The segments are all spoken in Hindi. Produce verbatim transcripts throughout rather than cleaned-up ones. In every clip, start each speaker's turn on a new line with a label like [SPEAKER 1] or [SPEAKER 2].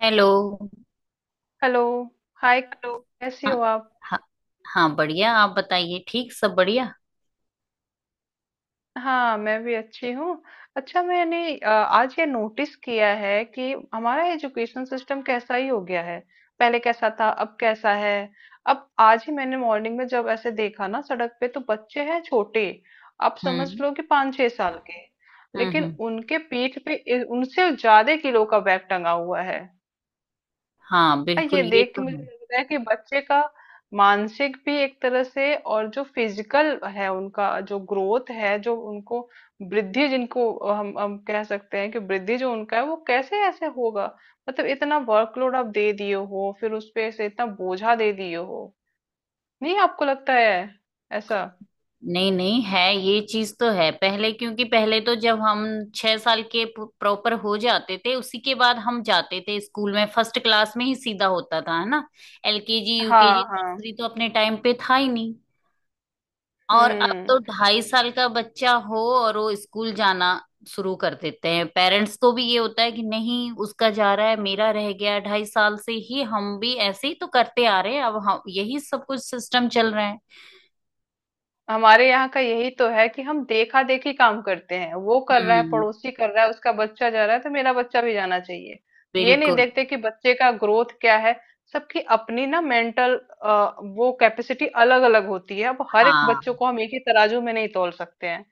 [SPEAKER 1] हेलो।
[SPEAKER 2] हेलो। Hi,
[SPEAKER 1] hello.
[SPEAKER 2] कैसी
[SPEAKER 1] हाँ।
[SPEAKER 2] हो आप?
[SPEAKER 1] हाँ। हाँ, बढ़िया। आप बताइए। ठीक, सब बढ़िया।
[SPEAKER 2] हाँ, मैं भी अच्छी हूँ। अच्छा, मैंने अ, आज ये नोटिस किया है कि हमारा एजुकेशन सिस्टम कैसा ही हो गया है। पहले कैसा था, अब कैसा है। अब आज ही मैंने मॉर्निंग में जब ऐसे देखा ना सड़क पे, तो बच्चे हैं छोटे। आप समझ
[SPEAKER 1] हम्म।
[SPEAKER 2] लो कि पाँच छह साल के,
[SPEAKER 1] हम्म।
[SPEAKER 2] लेकिन
[SPEAKER 1] हम्म।
[SPEAKER 2] उनके पीठ पे इ- उनसे ज्यादा किलो का बैग टंगा हुआ है।
[SPEAKER 1] हाँ,
[SPEAKER 2] हाँ, ये
[SPEAKER 1] बिल्कुल, ये
[SPEAKER 2] देख के
[SPEAKER 1] तो
[SPEAKER 2] मुझे
[SPEAKER 1] है।
[SPEAKER 2] लग रहा है कि बच्चे का मानसिक भी एक तरह से, और जो फिजिकल है उनका जो ग्रोथ है, जो उनको वृद्धि जिनको हम हम कह सकते हैं कि वृद्धि जो उनका है वो कैसे ऐसे होगा। मतलब इतना वर्कलोड आप दे दिए हो, फिर उस पे ऐसे इतना बोझा दे दिए हो। नहीं आपको लगता है ऐसा?
[SPEAKER 1] नहीं, नहीं, है ये चीज तो है पहले। क्योंकि पहले तो जब हम छह साल के प्रॉपर हो जाते थे उसी के बाद हम जाते थे स्कूल में, फर्स्ट क्लास में ही सीधा होता था, है ना। एल के जी,
[SPEAKER 2] हाँ
[SPEAKER 1] यू के जी,
[SPEAKER 2] हाँ।
[SPEAKER 1] नर्सरी तो अपने टाइम पे था ही नहीं। और अब
[SPEAKER 2] हम्म।
[SPEAKER 1] तो ढाई साल का बच्चा हो और वो स्कूल जाना शुरू कर देते हैं। पेरेंट्स को भी ये होता है कि नहीं, उसका जा रहा है, मेरा रह गया, ढाई साल से ही। हम भी ऐसे ही तो करते आ रहे हैं, अब हम यही सब कुछ सिस्टम चल रहा है।
[SPEAKER 2] हमारे यहाँ का यही तो है कि हम देखा देखी काम करते हैं। वो कर रहा है,
[SPEAKER 1] हम्म।
[SPEAKER 2] पड़ोसी कर रहा है, उसका बच्चा जा रहा है, तो मेरा बच्चा भी जाना चाहिए। ये नहीं
[SPEAKER 1] बिल्कुल।
[SPEAKER 2] देखते कि बच्चे का ग्रोथ क्या है। सबकी अपनी ना मेंटल वो कैपेसिटी अलग अलग होती है। अब हर एक
[SPEAKER 1] हाँ।
[SPEAKER 2] बच्चों को हम एक ही तराजू में नहीं तोल सकते हैं।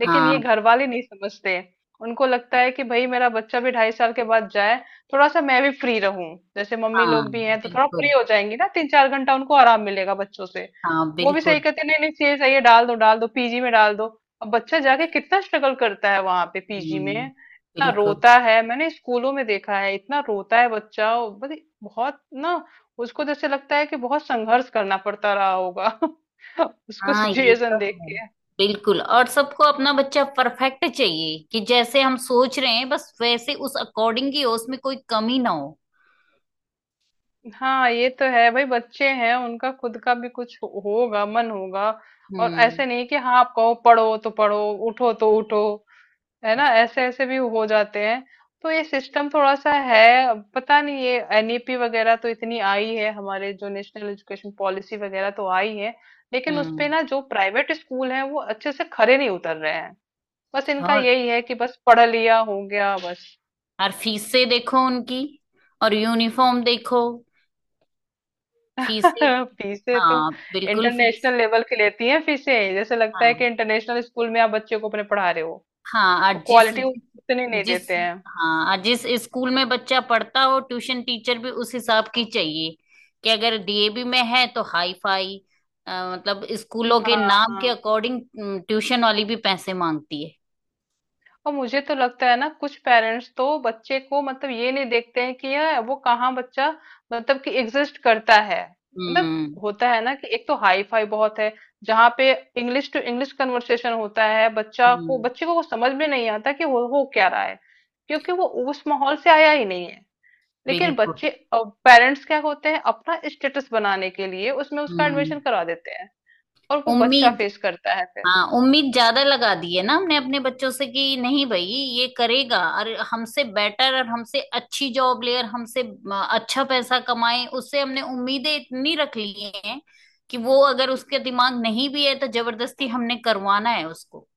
[SPEAKER 2] लेकिन ये
[SPEAKER 1] हाँ।
[SPEAKER 2] घर वाले नहीं समझते। उनको लगता है कि भाई मेरा बच्चा भी ढाई साल के बाद जाए, थोड़ा सा मैं भी फ्री रहूं। जैसे मम्मी
[SPEAKER 1] हाँ,
[SPEAKER 2] लोग भी हैं तो थोड़ा फ्री
[SPEAKER 1] बिल्कुल।
[SPEAKER 2] हो जाएंगी ना, तीन चार घंटा उनको आराम मिलेगा बच्चों से।
[SPEAKER 1] हाँ,
[SPEAKER 2] वो भी सही
[SPEAKER 1] बिल्कुल।
[SPEAKER 2] कहते हैं, नहीं नहीं ये सही है, डाल दो डाल दो, पीजी में डाल दो। अब बच्चा जाके कितना स्ट्रगल करता है वहां पे पीजी में,
[SPEAKER 1] हम्म।
[SPEAKER 2] इतना
[SPEAKER 1] बिल्कुल।
[SPEAKER 2] रोता है। मैंने स्कूलों में देखा है, इतना रोता है बच्चा। और बड़ी- बहुत ना उसको जैसे लगता है कि बहुत संघर्ष करना पड़ता रहा होगा। उसको
[SPEAKER 1] हाँ, ये तो
[SPEAKER 2] सिचुएशन देख
[SPEAKER 1] है।
[SPEAKER 2] के।
[SPEAKER 1] बिल्कुल। और सबको अपना बच्चा परफेक्ट चाहिए, कि जैसे हम सोच रहे हैं बस वैसे उस अकॉर्डिंग ही हो, उसमें कोई कमी ना हो।
[SPEAKER 2] हाँ ये तो है भाई, बच्चे हैं, उनका खुद का भी कुछ हो- होगा, मन होगा। और
[SPEAKER 1] हम्म।
[SPEAKER 2] ऐसे नहीं कि हाँ आप कहो पढ़ो तो पढ़ो, उठो तो उठो। है ना, ऐसे ऐसे भी हो जाते हैं। तो ये सिस्टम थोड़ा सा है। अब पता नहीं ये एनईपी वगैरह तो इतनी आई है हमारे, जो नेशनल एजुकेशन पॉलिसी वगैरह तो आई है। लेकिन
[SPEAKER 1] हम्म।
[SPEAKER 2] उसपे ना जो प्राइवेट स्कूल हैं वो अच्छे से खरे नहीं उतर रहे हैं। बस इनका
[SPEAKER 1] और
[SPEAKER 2] यही है कि बस पढ़ लिया, हो गया, बस।
[SPEAKER 1] और फीसें देखो उनकी, और यूनिफॉर्म देखो, फीसें।
[SPEAKER 2] फीसें तो
[SPEAKER 1] हाँ, बिल्कुल, फीस।
[SPEAKER 2] इंटरनेशनल लेवल की लेती हैं फीसें, जैसे लगता है
[SPEAKER 1] हाँ।
[SPEAKER 2] कि इंटरनेशनल स्कूल में आप बच्चे को अपने पढ़ा रहे हो।
[SPEAKER 1] हाँ। और जिस
[SPEAKER 2] क्वालिटी उतनी नहीं
[SPEAKER 1] जिस
[SPEAKER 2] देते हैं।
[SPEAKER 1] हाँ, और जिस स्कूल में बच्चा पढ़ता हो ट्यूशन टीचर भी उस हिसाब की चाहिए, कि अगर डी ए वी में है तो हाई फाई। अ, मतलब स्कूलों के
[SPEAKER 2] हाँ
[SPEAKER 1] नाम के
[SPEAKER 2] हाँ।
[SPEAKER 1] अकॉर्डिंग ट्यूशन वाली भी पैसे मांगती है।
[SPEAKER 2] और मुझे तो लगता है ना, कुछ पेरेंट्स तो बच्चे को मतलब ये नहीं देखते हैं कि यह वो कहाँ बच्चा मतलब कि एग्जिस्ट करता है। मतलब
[SPEAKER 1] हम्म।
[SPEAKER 2] होता है ना कि एक तो हाई फाई बहुत है जहाँ पे इंग्लिश टू इंग्लिश कन्वर्सेशन होता है, बच्चा को
[SPEAKER 1] हम्म।
[SPEAKER 2] बच्चे को वो समझ में नहीं आता कि हो हो क्या रहा है। क्योंकि वो उस माहौल से आया ही नहीं है। लेकिन
[SPEAKER 1] बिल्कुल।
[SPEAKER 2] बच्चे पेरेंट्स क्या होते हैं, अपना स्टेटस बनाने के लिए उसमें उसका
[SPEAKER 1] हम्म।
[SPEAKER 2] एडमिशन करा देते हैं। और वो बच्चा
[SPEAKER 1] उम्मीद।
[SPEAKER 2] फेस करता है फिर।
[SPEAKER 1] हाँ, उम्मीद ज्यादा लगा दी है ना हमने अपने बच्चों से, कि नहीं भाई ये करेगा, और हमसे बेटर और हमसे अच्छी जॉब ले और हमसे अ, अच्छा पैसा कमाए, उससे हमने उम्मीदें इतनी रख ली हैं कि वो अगर उसके दिमाग नहीं भी है तो जबरदस्ती हमने करवाना है उसको,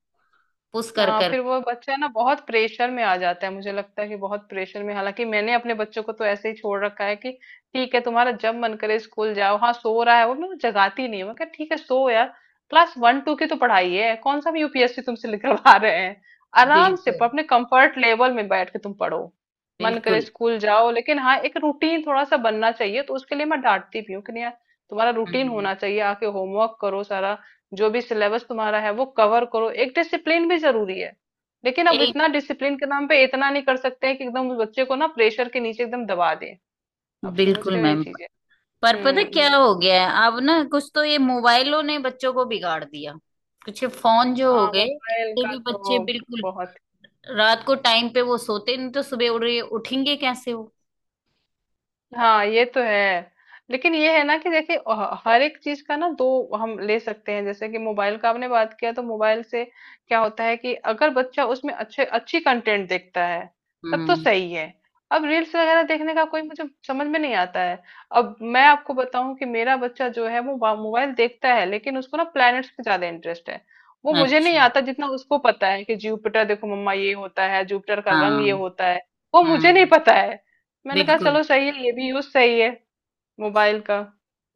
[SPEAKER 1] पुश कर
[SPEAKER 2] हाँ,
[SPEAKER 1] कर।
[SPEAKER 2] फिर वो बच्चा ना बहुत प्रेशर में आ जाता है। मुझे लगता है कि बहुत प्रेशर में। हालांकि मैंने अपने बच्चों को तो ऐसे ही छोड़ रखा है कि ठीक है, तुम्हारा जब मन करे स्कूल जाओ। हाँ, सो रहा है वो मैं जगाती नहीं हूँ, मैं कहा ठीक है सो यार। क्लास वन टू की तो पढ़ाई है, कौन सा भी यूपीएससी तुमसे निकलवा रहे हैं। आराम से प-
[SPEAKER 1] बिल्कुल।
[SPEAKER 2] अपने कंफर्ट लेवल में बैठ के तुम पढ़ो। मन करे
[SPEAKER 1] बिल्कुल।
[SPEAKER 2] स्कूल जाओ। लेकिन हाँ, एक रूटीन थोड़ा सा बनना चाहिए, तो उसके लिए मैं डांटती भी हूँ कि नहीं यार, तुम्हारा रूटीन
[SPEAKER 1] हम्म।
[SPEAKER 2] होना चाहिए, आके होमवर्क करो सारा। जो भी सिलेबस तुम्हारा है वो कवर करो, एक डिसिप्लिन भी जरूरी है। लेकिन अब
[SPEAKER 1] एक
[SPEAKER 2] इतना डिसिप्लिन के नाम पे इतना नहीं कर सकते हैं कि एकदम उस बच्चे को ना प्रेशर के नीचे एकदम दबा दें। आप समझ
[SPEAKER 1] बिल्कुल
[SPEAKER 2] रहे हो ये
[SPEAKER 1] मैम,
[SPEAKER 2] चीजें?
[SPEAKER 1] पर पता
[SPEAKER 2] हम्म
[SPEAKER 1] क्या
[SPEAKER 2] हम्म।
[SPEAKER 1] हो गया है अब ना, कुछ तो ये मोबाइलों ने बच्चों को बिगाड़ दिया, कुछ ये फोन जो हो
[SPEAKER 2] हाँ,
[SPEAKER 1] गए,
[SPEAKER 2] मोबाइल
[SPEAKER 1] इससे
[SPEAKER 2] का
[SPEAKER 1] भी बच्चे
[SPEAKER 2] तो
[SPEAKER 1] बिल्कुल।
[SPEAKER 2] बहुत।
[SPEAKER 1] रात को टाइम पे वो सोते नहीं तो सुबह उड़ रही उठेंगे कैसे वो।
[SPEAKER 2] हाँ ये तो है। लेकिन ये है ना कि देखिए, ह- हर एक चीज का ना दो हम ले सकते हैं। जैसे कि मोबाइल का आपने बात किया, तो मोबाइल से क्या होता है कि अगर बच्चा उसमें अच्छे अच्छी कंटेंट देखता है तब तो
[SPEAKER 1] हम्म।
[SPEAKER 2] सही है। अब रील्स वगैरह देखने का कोई मुझे समझ में नहीं आता है। अब मैं आपको बताऊं कि मेरा बच्चा जो है वो बा- मोबाइल देखता है, लेकिन उसको ना प्लैनेट्स पे ज्यादा इंटरेस्ट है। वो मुझे नहीं
[SPEAKER 1] अच्छा।
[SPEAKER 2] आता, जितना उसको पता है कि जुपिटर देखो मम्मा, ये होता है जुपिटर का
[SPEAKER 1] हाँ।
[SPEAKER 2] रंग ये होता है। वो मुझे नहीं
[SPEAKER 1] हम्म।
[SPEAKER 2] पता है। मैंने कहा
[SPEAKER 1] बिल्कुल।
[SPEAKER 2] चलो सही है, ये भी यूज सही है मोबाइल का।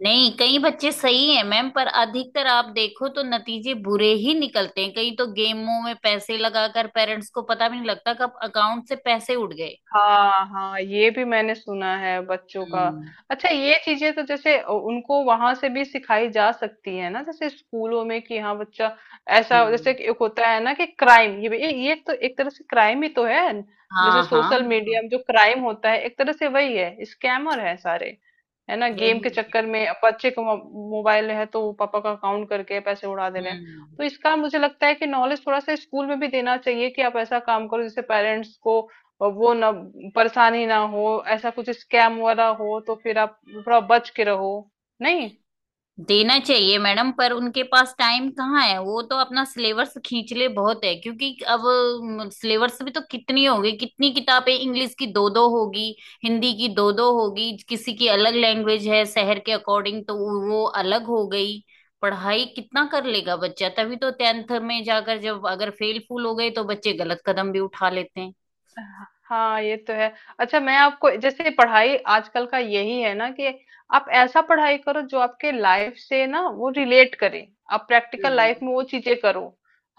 [SPEAKER 1] नहीं, कई बच्चे सही हैं मैम, पर अधिकतर आप देखो तो नतीजे बुरे ही निकलते हैं, कई तो गेमों में पैसे लगाकर पेरेंट्स को पता भी नहीं लगता कब अकाउंट से पैसे उड़ गए।
[SPEAKER 2] हाँ हाँ, ये भी मैंने सुना है बच्चों का।
[SPEAKER 1] हम्म।
[SPEAKER 2] अच्छा, ये चीजें तो जैसे उ- उनको वहां से भी सिखाई जा सकती है ना, जैसे स्कूलों में कि हाँ बच्चा ऐसा जैसे
[SPEAKER 1] हम्म।
[SPEAKER 2] कि एक होता है ना कि क्राइम, ये भी- ये ये तो एक तरह से क्राइम ही तो है। जैसे
[SPEAKER 1] हाँ। हाँ,
[SPEAKER 2] सोशल
[SPEAKER 1] बिल्कुल,
[SPEAKER 2] मीडिया में जो क्राइम होता है एक तरह से वही है, स्कैमर है सारे। है ना, गेम
[SPEAKER 1] यही
[SPEAKER 2] के चक्कर
[SPEAKER 1] है।
[SPEAKER 2] में अब बच्चे का मो- मोबाइल है, तो वो पापा का अकाउंट करके पैसे उड़ा दे रहे हैं।
[SPEAKER 1] हम्म।
[SPEAKER 2] तो इसका मुझे लगता है कि नॉलेज थोड़ा सा स्कूल में भी देना चाहिए कि आप ऐसा काम करो जैसे पेरेंट्स को और वो ना परेशानी ना हो। ऐसा कुछ स्कैम वगैरह हो तो फिर आप थोड़ा बच के रहो, नहीं।
[SPEAKER 1] देना चाहिए मैडम, पर उनके पास टाइम कहाँ है, वो तो अपना सिलेबस खींच ले बहुत है, क्योंकि अब सिलेबस भी तो कितनी होगी, कितनी किताबें, इंग्लिश की दो दो होगी, हिंदी की दो दो होगी, किसी की अलग लैंग्वेज है शहर के अकॉर्डिंग, तो वो अलग हो गई। पढ़ाई कितना कर लेगा बच्चा, तभी तो टेंथ में जाकर जब अगर फेल फूल हो गए तो बच्चे गलत कदम भी उठा लेते हैं।
[SPEAKER 2] हाँ ये तो है। अच्छा, मैं आपको जैसे, पढ़ाई आजकल का यही है ना कि आप ऐसा पढ़ाई करो जो आपके लाइफ से ना वो रिलेट करे। आप प्रैक्टिकल
[SPEAKER 1] हम्म।
[SPEAKER 2] लाइफ में वो चीजें करो।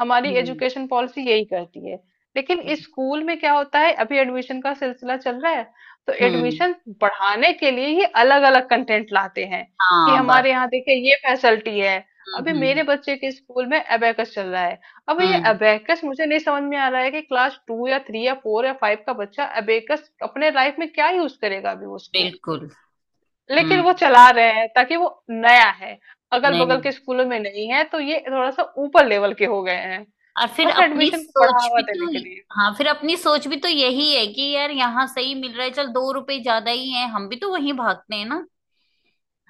[SPEAKER 2] हमारी
[SPEAKER 1] हम्म।
[SPEAKER 2] एजुकेशन पॉलिसी यही कहती है। लेकिन इस
[SPEAKER 1] बिल्कुल।
[SPEAKER 2] स्कूल में क्या होता है, अभी एडमिशन का सिलसिला चल रहा है, तो
[SPEAKER 1] हम्म।
[SPEAKER 2] एडमिशन बढ़ाने के लिए ही अलग अलग कंटेंट लाते हैं कि
[SPEAKER 1] हाँ बस।
[SPEAKER 2] हमारे यहाँ देखिए ये फैसिलिटी है। अभी
[SPEAKER 1] हम्म। हम्म।
[SPEAKER 2] मेरे बच्चे के स्कूल में अबेकस चल रहा है। अब ये
[SPEAKER 1] हम्म।
[SPEAKER 2] अबेकस मुझे नहीं समझ में आ रहा है कि क्लास टू या थ्री या फोर या फाइव का बच्चा अबेकस अपने लाइफ में क्या यूज करेगा अभी उसको।
[SPEAKER 1] बिल्कुल।
[SPEAKER 2] लेकिन
[SPEAKER 1] हम्म।
[SPEAKER 2] वो चला रहे हैं, ताकि वो नया है, अगल बगल
[SPEAKER 1] नहीं।
[SPEAKER 2] के स्कूलों में नहीं है, तो ये थोड़ा सा ऊपर लेवल के हो गए हैं।
[SPEAKER 1] और फिर
[SPEAKER 2] बस
[SPEAKER 1] अपनी
[SPEAKER 2] एडमिशन को
[SPEAKER 1] सोच
[SPEAKER 2] बढ़ावा
[SPEAKER 1] भी तो
[SPEAKER 2] देने के लिए।
[SPEAKER 1] हाँ, फिर अपनी सोच भी तो यही है कि यार यहाँ सही मिल रहा है, चल दो रुपए ज्यादा ही है, हम भी तो वहीं भागते हैं ना।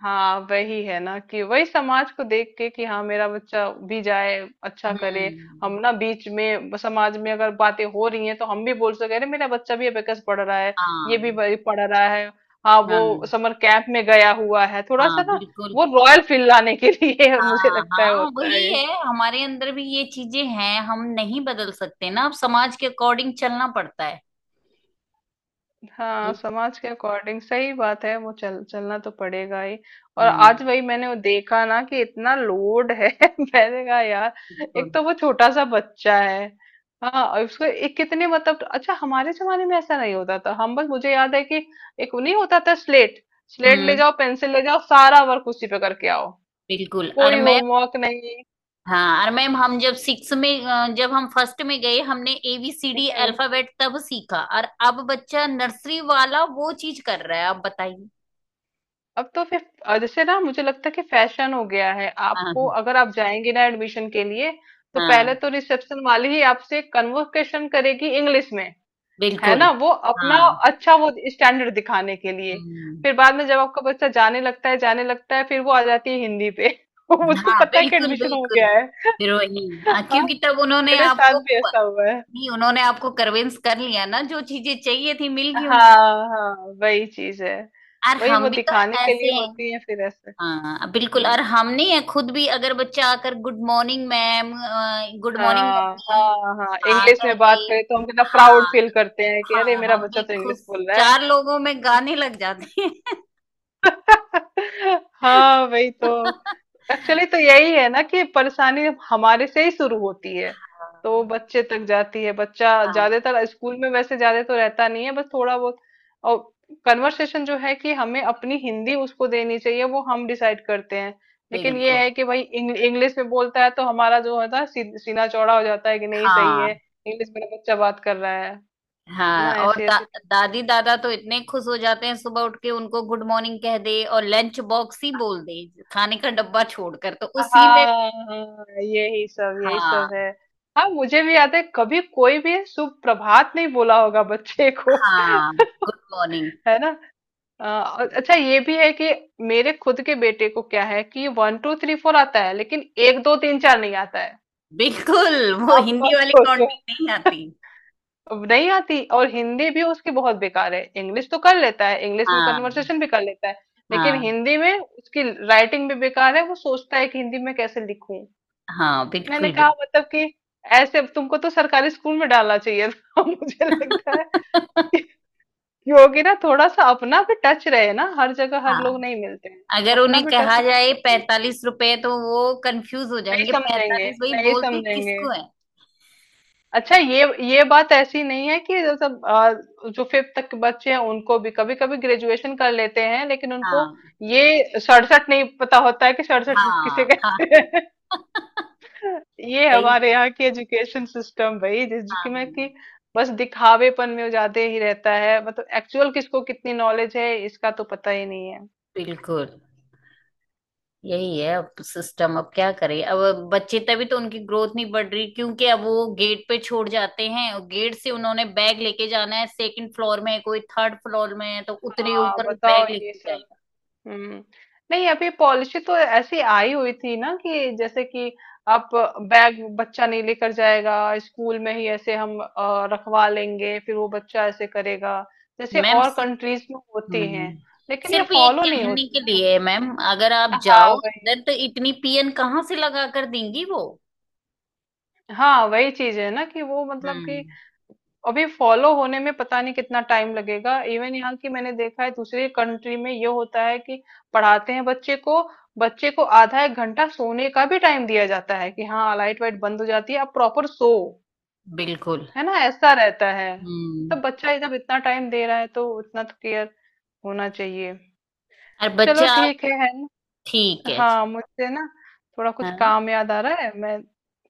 [SPEAKER 2] हाँ वही है ना कि वही समाज को देख के कि हाँ मेरा बच्चा भी जाए, अच्छा करे।
[SPEAKER 1] हम्म।
[SPEAKER 2] हम ना बीच में समाज में अगर बातें हो रही हैं तो हम भी बोल सके, अरे मेरा बच्चा भी अबेकस पढ़ रहा है, ये भी
[SPEAKER 1] हाँ।
[SPEAKER 2] वही पढ़ रहा है, हाँ
[SPEAKER 1] हाँ।
[SPEAKER 2] वो समर कैंप में गया हुआ है थोड़ा
[SPEAKER 1] हाँ।
[SPEAKER 2] सा ना,
[SPEAKER 1] बिल्कुल।
[SPEAKER 2] वो रॉयल फील लाने के लिए। मुझे
[SPEAKER 1] हाँ।
[SPEAKER 2] लगता है
[SPEAKER 1] हाँ
[SPEAKER 2] होता
[SPEAKER 1] वही
[SPEAKER 2] है।
[SPEAKER 1] है, हमारे अंदर भी ये चीजें हैं, हम नहीं बदल सकते ना अब समाज के अकॉर्डिंग चलना पड़ता है।
[SPEAKER 2] हाँ
[SPEAKER 1] ये-
[SPEAKER 2] समाज के अकॉर्डिंग सही बात है, वो चल चलना तो पड़ेगा ही। और
[SPEAKER 1] हम्म।
[SPEAKER 2] आज वही मैंने वो देखा ना कि इतना लोड है। मैंने कहा यार, एक
[SPEAKER 1] बिल्कुल।
[SPEAKER 2] तो वो छोटा सा बच्चा है। हाँ और उसको एक कितने मतलब, अच्छा हमारे जमाने में ऐसा नहीं होता था, हम बस मुझे याद है कि एक नहीं होता था, स्लेट। स्लेट ले
[SPEAKER 1] हम्म।
[SPEAKER 2] जाओ, पेंसिल ले जाओ, सारा वर्क उसी पे करके आओ।
[SPEAKER 1] बिल्कुल। और
[SPEAKER 2] कोई
[SPEAKER 1] मैं
[SPEAKER 2] होमवर्क नहीं।
[SPEAKER 1] हाँ और मैम, हम जब सिक्स में अ, जब हम फर्स्ट में गए हमने A B C D alphabet तब सीखा, और अब बच्चा नर्सरी वाला वो चीज कर रहा है, आप बताइए।
[SPEAKER 2] अब तो फिर अ, जैसे ना मुझे लगता है कि फैशन हो गया है। आपको
[SPEAKER 1] हाँ।
[SPEAKER 2] अगर आप जाएंगे ना एडमिशन के लिए, तो
[SPEAKER 1] हाँ।
[SPEAKER 2] पहले तो रिसेप्शन वाली ही आपसे कन्वर्सेशन करेगी इंग्लिश में। है
[SPEAKER 1] बिल्कुल।
[SPEAKER 2] ना, वो अपना
[SPEAKER 1] हाँ।
[SPEAKER 2] अच्छा वो स्टैंडर्ड दिखाने के लिए।
[SPEAKER 1] हम्म।
[SPEAKER 2] फिर बाद में जब आपका बच्चा जाने लगता है, जाने लगता है, फिर वो आ जाती है हिंदी पे। उसको
[SPEAKER 1] हाँ,
[SPEAKER 2] पता है कि
[SPEAKER 1] बिल्कुल,
[SPEAKER 2] एडमिशन हो
[SPEAKER 1] बिल्कुल।
[SPEAKER 2] गया है।
[SPEAKER 1] फिर वही, हाँ,
[SPEAKER 2] हाँ,
[SPEAKER 1] क्योंकि तब उन्होंने
[SPEAKER 2] मेरे साथ
[SPEAKER 1] आपको
[SPEAKER 2] भी
[SPEAKER 1] प-
[SPEAKER 2] ऐसा हुआ है।
[SPEAKER 1] नहीं, उन्होंने आपको कन्विंस कर लिया ना, जो चीजें चाहिए थी मिल गई उनको।
[SPEAKER 2] हाँ हाँ, वही चीज है।
[SPEAKER 1] और
[SPEAKER 2] वही वो
[SPEAKER 1] हम भी तो
[SPEAKER 2] दिखाने के लिए
[SPEAKER 1] ऐसे हैं।
[SPEAKER 2] होती है फिर ऐसे।
[SPEAKER 1] हाँ, बिल्कुल।
[SPEAKER 2] हम्म।
[SPEAKER 1] और हमने खुद भी अगर बच्चा आकर good morning ma'am, good morning
[SPEAKER 2] हाँ,
[SPEAKER 1] मम्मी,
[SPEAKER 2] हाँ, हाँ,
[SPEAKER 1] हाँ
[SPEAKER 2] इंग्लिश
[SPEAKER 1] कर
[SPEAKER 2] में
[SPEAKER 1] दे।
[SPEAKER 2] बात करें तो हम कितना प्राउड
[SPEAKER 1] हाँ।
[SPEAKER 2] फील करते हैं कि अरे
[SPEAKER 1] हाँ,
[SPEAKER 2] मेरा
[SPEAKER 1] हम
[SPEAKER 2] बच्चा
[SPEAKER 1] भी
[SPEAKER 2] तो इंग्लिश
[SPEAKER 1] खुश,
[SPEAKER 2] बोल रहा
[SPEAKER 1] चार लोगों में गाने लग जाते हैं।
[SPEAKER 2] है। हाँ वही तो। एक्चुअली तो यही है ना कि परेशानी हमारे से ही शुरू होती है, तो वो
[SPEAKER 1] हाँ।
[SPEAKER 2] बच्चे तक जाती है। बच्चा
[SPEAKER 1] हाँ,
[SPEAKER 2] ज्यादातर स्कूल में वैसे ज्यादा तो रहता नहीं है, बस थोड़ा बहुत। और कन्वर्सेशन जो है कि हमें अपनी हिंदी उसको देनी चाहिए, वो हम डिसाइड करते हैं। लेकिन ये
[SPEAKER 1] बिल्कुल।
[SPEAKER 2] है कि भाई इंग्लिश में बोलता है तो हमारा जो होता है सी- सीना चौड़ा हो जाता है कि नहीं सही है,
[SPEAKER 1] हाँ।
[SPEAKER 2] इंग्लिश मेरा बच्चा बात कर रहा है। है
[SPEAKER 1] हाँ
[SPEAKER 2] ना,
[SPEAKER 1] और
[SPEAKER 2] ऐसी
[SPEAKER 1] दा,
[SPEAKER 2] ऐसी।
[SPEAKER 1] दादी दादा तो इतने खुश हो जाते हैं सुबह उठ के उनको गुड मॉर्निंग कह दे और लंच बॉक्स ही बोल दे, खाने का डब्बा छोड़कर तो
[SPEAKER 2] हाँ
[SPEAKER 1] उसी में।
[SPEAKER 2] हाँ, यही सब यही सब
[SPEAKER 1] हाँ।
[SPEAKER 2] है। हाँ, मुझे भी याद है, कभी कोई भी सुप्रभात नहीं बोला होगा बच्चे को।
[SPEAKER 1] हाँ। Good morning.
[SPEAKER 2] है ना। अ, और अच्छा ये भी है कि मेरे खुद के बेटे को क्या है कि वन टू थ्री फोर आता है, लेकिन एक दो तीन चार नहीं आता है।
[SPEAKER 1] बिल्कुल, वो
[SPEAKER 2] आप
[SPEAKER 1] हिंदी
[SPEAKER 2] बस
[SPEAKER 1] वाली
[SPEAKER 2] सोचो,
[SPEAKER 1] कॉन्टी नहीं आती।
[SPEAKER 2] अब नहीं आती। और हिंदी भी उसकी बहुत बेकार है, इंग्लिश तो कर लेता है, इंग्लिश में
[SPEAKER 1] हाँ।
[SPEAKER 2] कन्वर्सेशन भी कर लेता है, लेकिन
[SPEAKER 1] हाँ।
[SPEAKER 2] हिंदी में उसकी राइटिंग भी बेकार है। वो सोचता है कि हिंदी में कैसे लिखूं।
[SPEAKER 1] हाँ,
[SPEAKER 2] मैंने
[SPEAKER 1] बिल्कुल,
[SPEAKER 2] कहा
[SPEAKER 1] बिल्कुल।
[SPEAKER 2] मतलब कि ऐसे तुमको तो सरकारी स्कूल में डालना चाहिए था। मुझे लगता है कि होगी ना थोड़ा सा अपना भी टच रहे ना, हर जगह हर लोग
[SPEAKER 1] हाँ,
[SPEAKER 2] नहीं मिलते हैं, तो
[SPEAKER 1] अगर
[SPEAKER 2] अपना
[SPEAKER 1] उन्हें
[SPEAKER 2] भी टच
[SPEAKER 1] कहा जाए
[SPEAKER 2] रहे।
[SPEAKER 1] पैंतालीस रुपए तो वो कंफ्यूज हो
[SPEAKER 2] नहीं
[SPEAKER 1] जाएंगे,
[SPEAKER 2] समझेंगे,
[SPEAKER 1] पैंतालीस वही
[SPEAKER 2] नहीं
[SPEAKER 1] बोलते
[SPEAKER 2] समझेंगे।
[SPEAKER 1] किसको है।
[SPEAKER 2] अच्छा ये ये बात ऐसी नहीं है कि जैसे आ, जो फिफ्थ तक के बच्चे हैं उनको भी, कभी कभी ग्रेजुएशन कर लेते हैं लेकिन उनको
[SPEAKER 1] हाँ।
[SPEAKER 2] ये सड़सठ नहीं पता होता है कि सड़सठ किसे
[SPEAKER 1] हाँ। हाँ।
[SPEAKER 2] कहते हैं। ये
[SPEAKER 1] सही
[SPEAKER 2] हमारे
[SPEAKER 1] है।
[SPEAKER 2] यहाँ की एजुकेशन सिस्टम भाई,
[SPEAKER 1] हाँ,
[SPEAKER 2] जिसमें कि बस दिखावेपन में ज्यादा ही रहता है, मतलब एक्चुअल किसको कितनी नॉलेज है इसका तो पता ही नहीं है।
[SPEAKER 1] बिल्कुल, यही है अब सिस्टम, अब क्या करें अब। बच्चे तभी तो उनकी ग्रोथ नहीं बढ़ रही, क्योंकि अब वो गेट पे छोड़ जाते हैं और गेट से उन्होंने बैग लेके जाना है, सेकंड फ्लोर में है, कोई थर्ड फ्लोर में है, तो उतने
[SPEAKER 2] हाँ
[SPEAKER 1] ऊपर
[SPEAKER 2] बताओ
[SPEAKER 1] बैग
[SPEAKER 2] ये
[SPEAKER 1] लेके
[SPEAKER 2] सब।
[SPEAKER 1] जाएगा।
[SPEAKER 2] हम्म। नहीं, अभी पॉलिसी तो ऐसी आई हुई थी ना कि जैसे कि आप बैग बच्चा नहीं लेकर जाएगा, स्कूल में ही ऐसे हम अ, रखवा लेंगे, फिर वो बच्चा ऐसे करेगा जैसे
[SPEAKER 1] मैम।
[SPEAKER 2] और कंट्रीज में होती हैं।
[SPEAKER 1] हम्म।
[SPEAKER 2] लेकिन ये
[SPEAKER 1] सिर्फ ये
[SPEAKER 2] फॉलो नहीं
[SPEAKER 1] कहने
[SPEAKER 2] होती
[SPEAKER 1] के
[SPEAKER 2] ना।
[SPEAKER 1] लिए मैम, अगर आप
[SPEAKER 2] हाँ
[SPEAKER 1] जाओ
[SPEAKER 2] वही।
[SPEAKER 1] अंदर तो इतनी पियन कहाँ से लगा कर देंगी वो।
[SPEAKER 2] हाँ वही चीज है ना कि वो मतलब कि
[SPEAKER 1] हम्म।
[SPEAKER 2] अभी फॉलो होने में पता नहीं कितना टाइम लगेगा। इवन यहाँ की मैंने देखा है, दूसरी कंट्री में ये होता है कि पढ़ाते हैं बच्चे को, बच्चे को आधा एक घंटा सोने का भी टाइम दिया जाता है कि हाँ लाइट वाइट बंद हो जाती है, अब प्रॉपर सो।
[SPEAKER 1] बिल्कुल।
[SPEAKER 2] है ना, ऐसा रहता है। तब
[SPEAKER 1] हम्म।
[SPEAKER 2] बच्चा जब इतना टाइम दे रहा है तो उतना तो केयर होना चाहिए।
[SPEAKER 1] और
[SPEAKER 2] चलो
[SPEAKER 1] बच्चा आप।
[SPEAKER 2] ठीक है है।
[SPEAKER 1] ठीक है जी।
[SPEAKER 2] हाँ मुझे ना थोड़ा कुछ
[SPEAKER 1] हाँ।
[SPEAKER 2] काम याद आ रहा है, मैं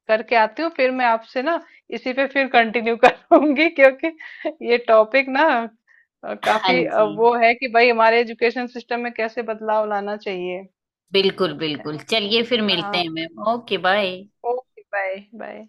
[SPEAKER 2] करके आती हूँ, फिर मैं आपसे ना इसी पे फिर कंटिन्यू करूंगी। क्योंकि ये टॉपिक ना अ,
[SPEAKER 1] हाँ
[SPEAKER 2] काफी अ,
[SPEAKER 1] जी,
[SPEAKER 2] वो है कि भाई हमारे एजुकेशन सिस्टम में कैसे बदलाव लाना चाहिए।
[SPEAKER 1] बिल्कुल बिल्कुल, चलिए फिर मिलते हैं
[SPEAKER 2] हाँ
[SPEAKER 1] ma'am, okay bye.
[SPEAKER 2] Okay bye bye.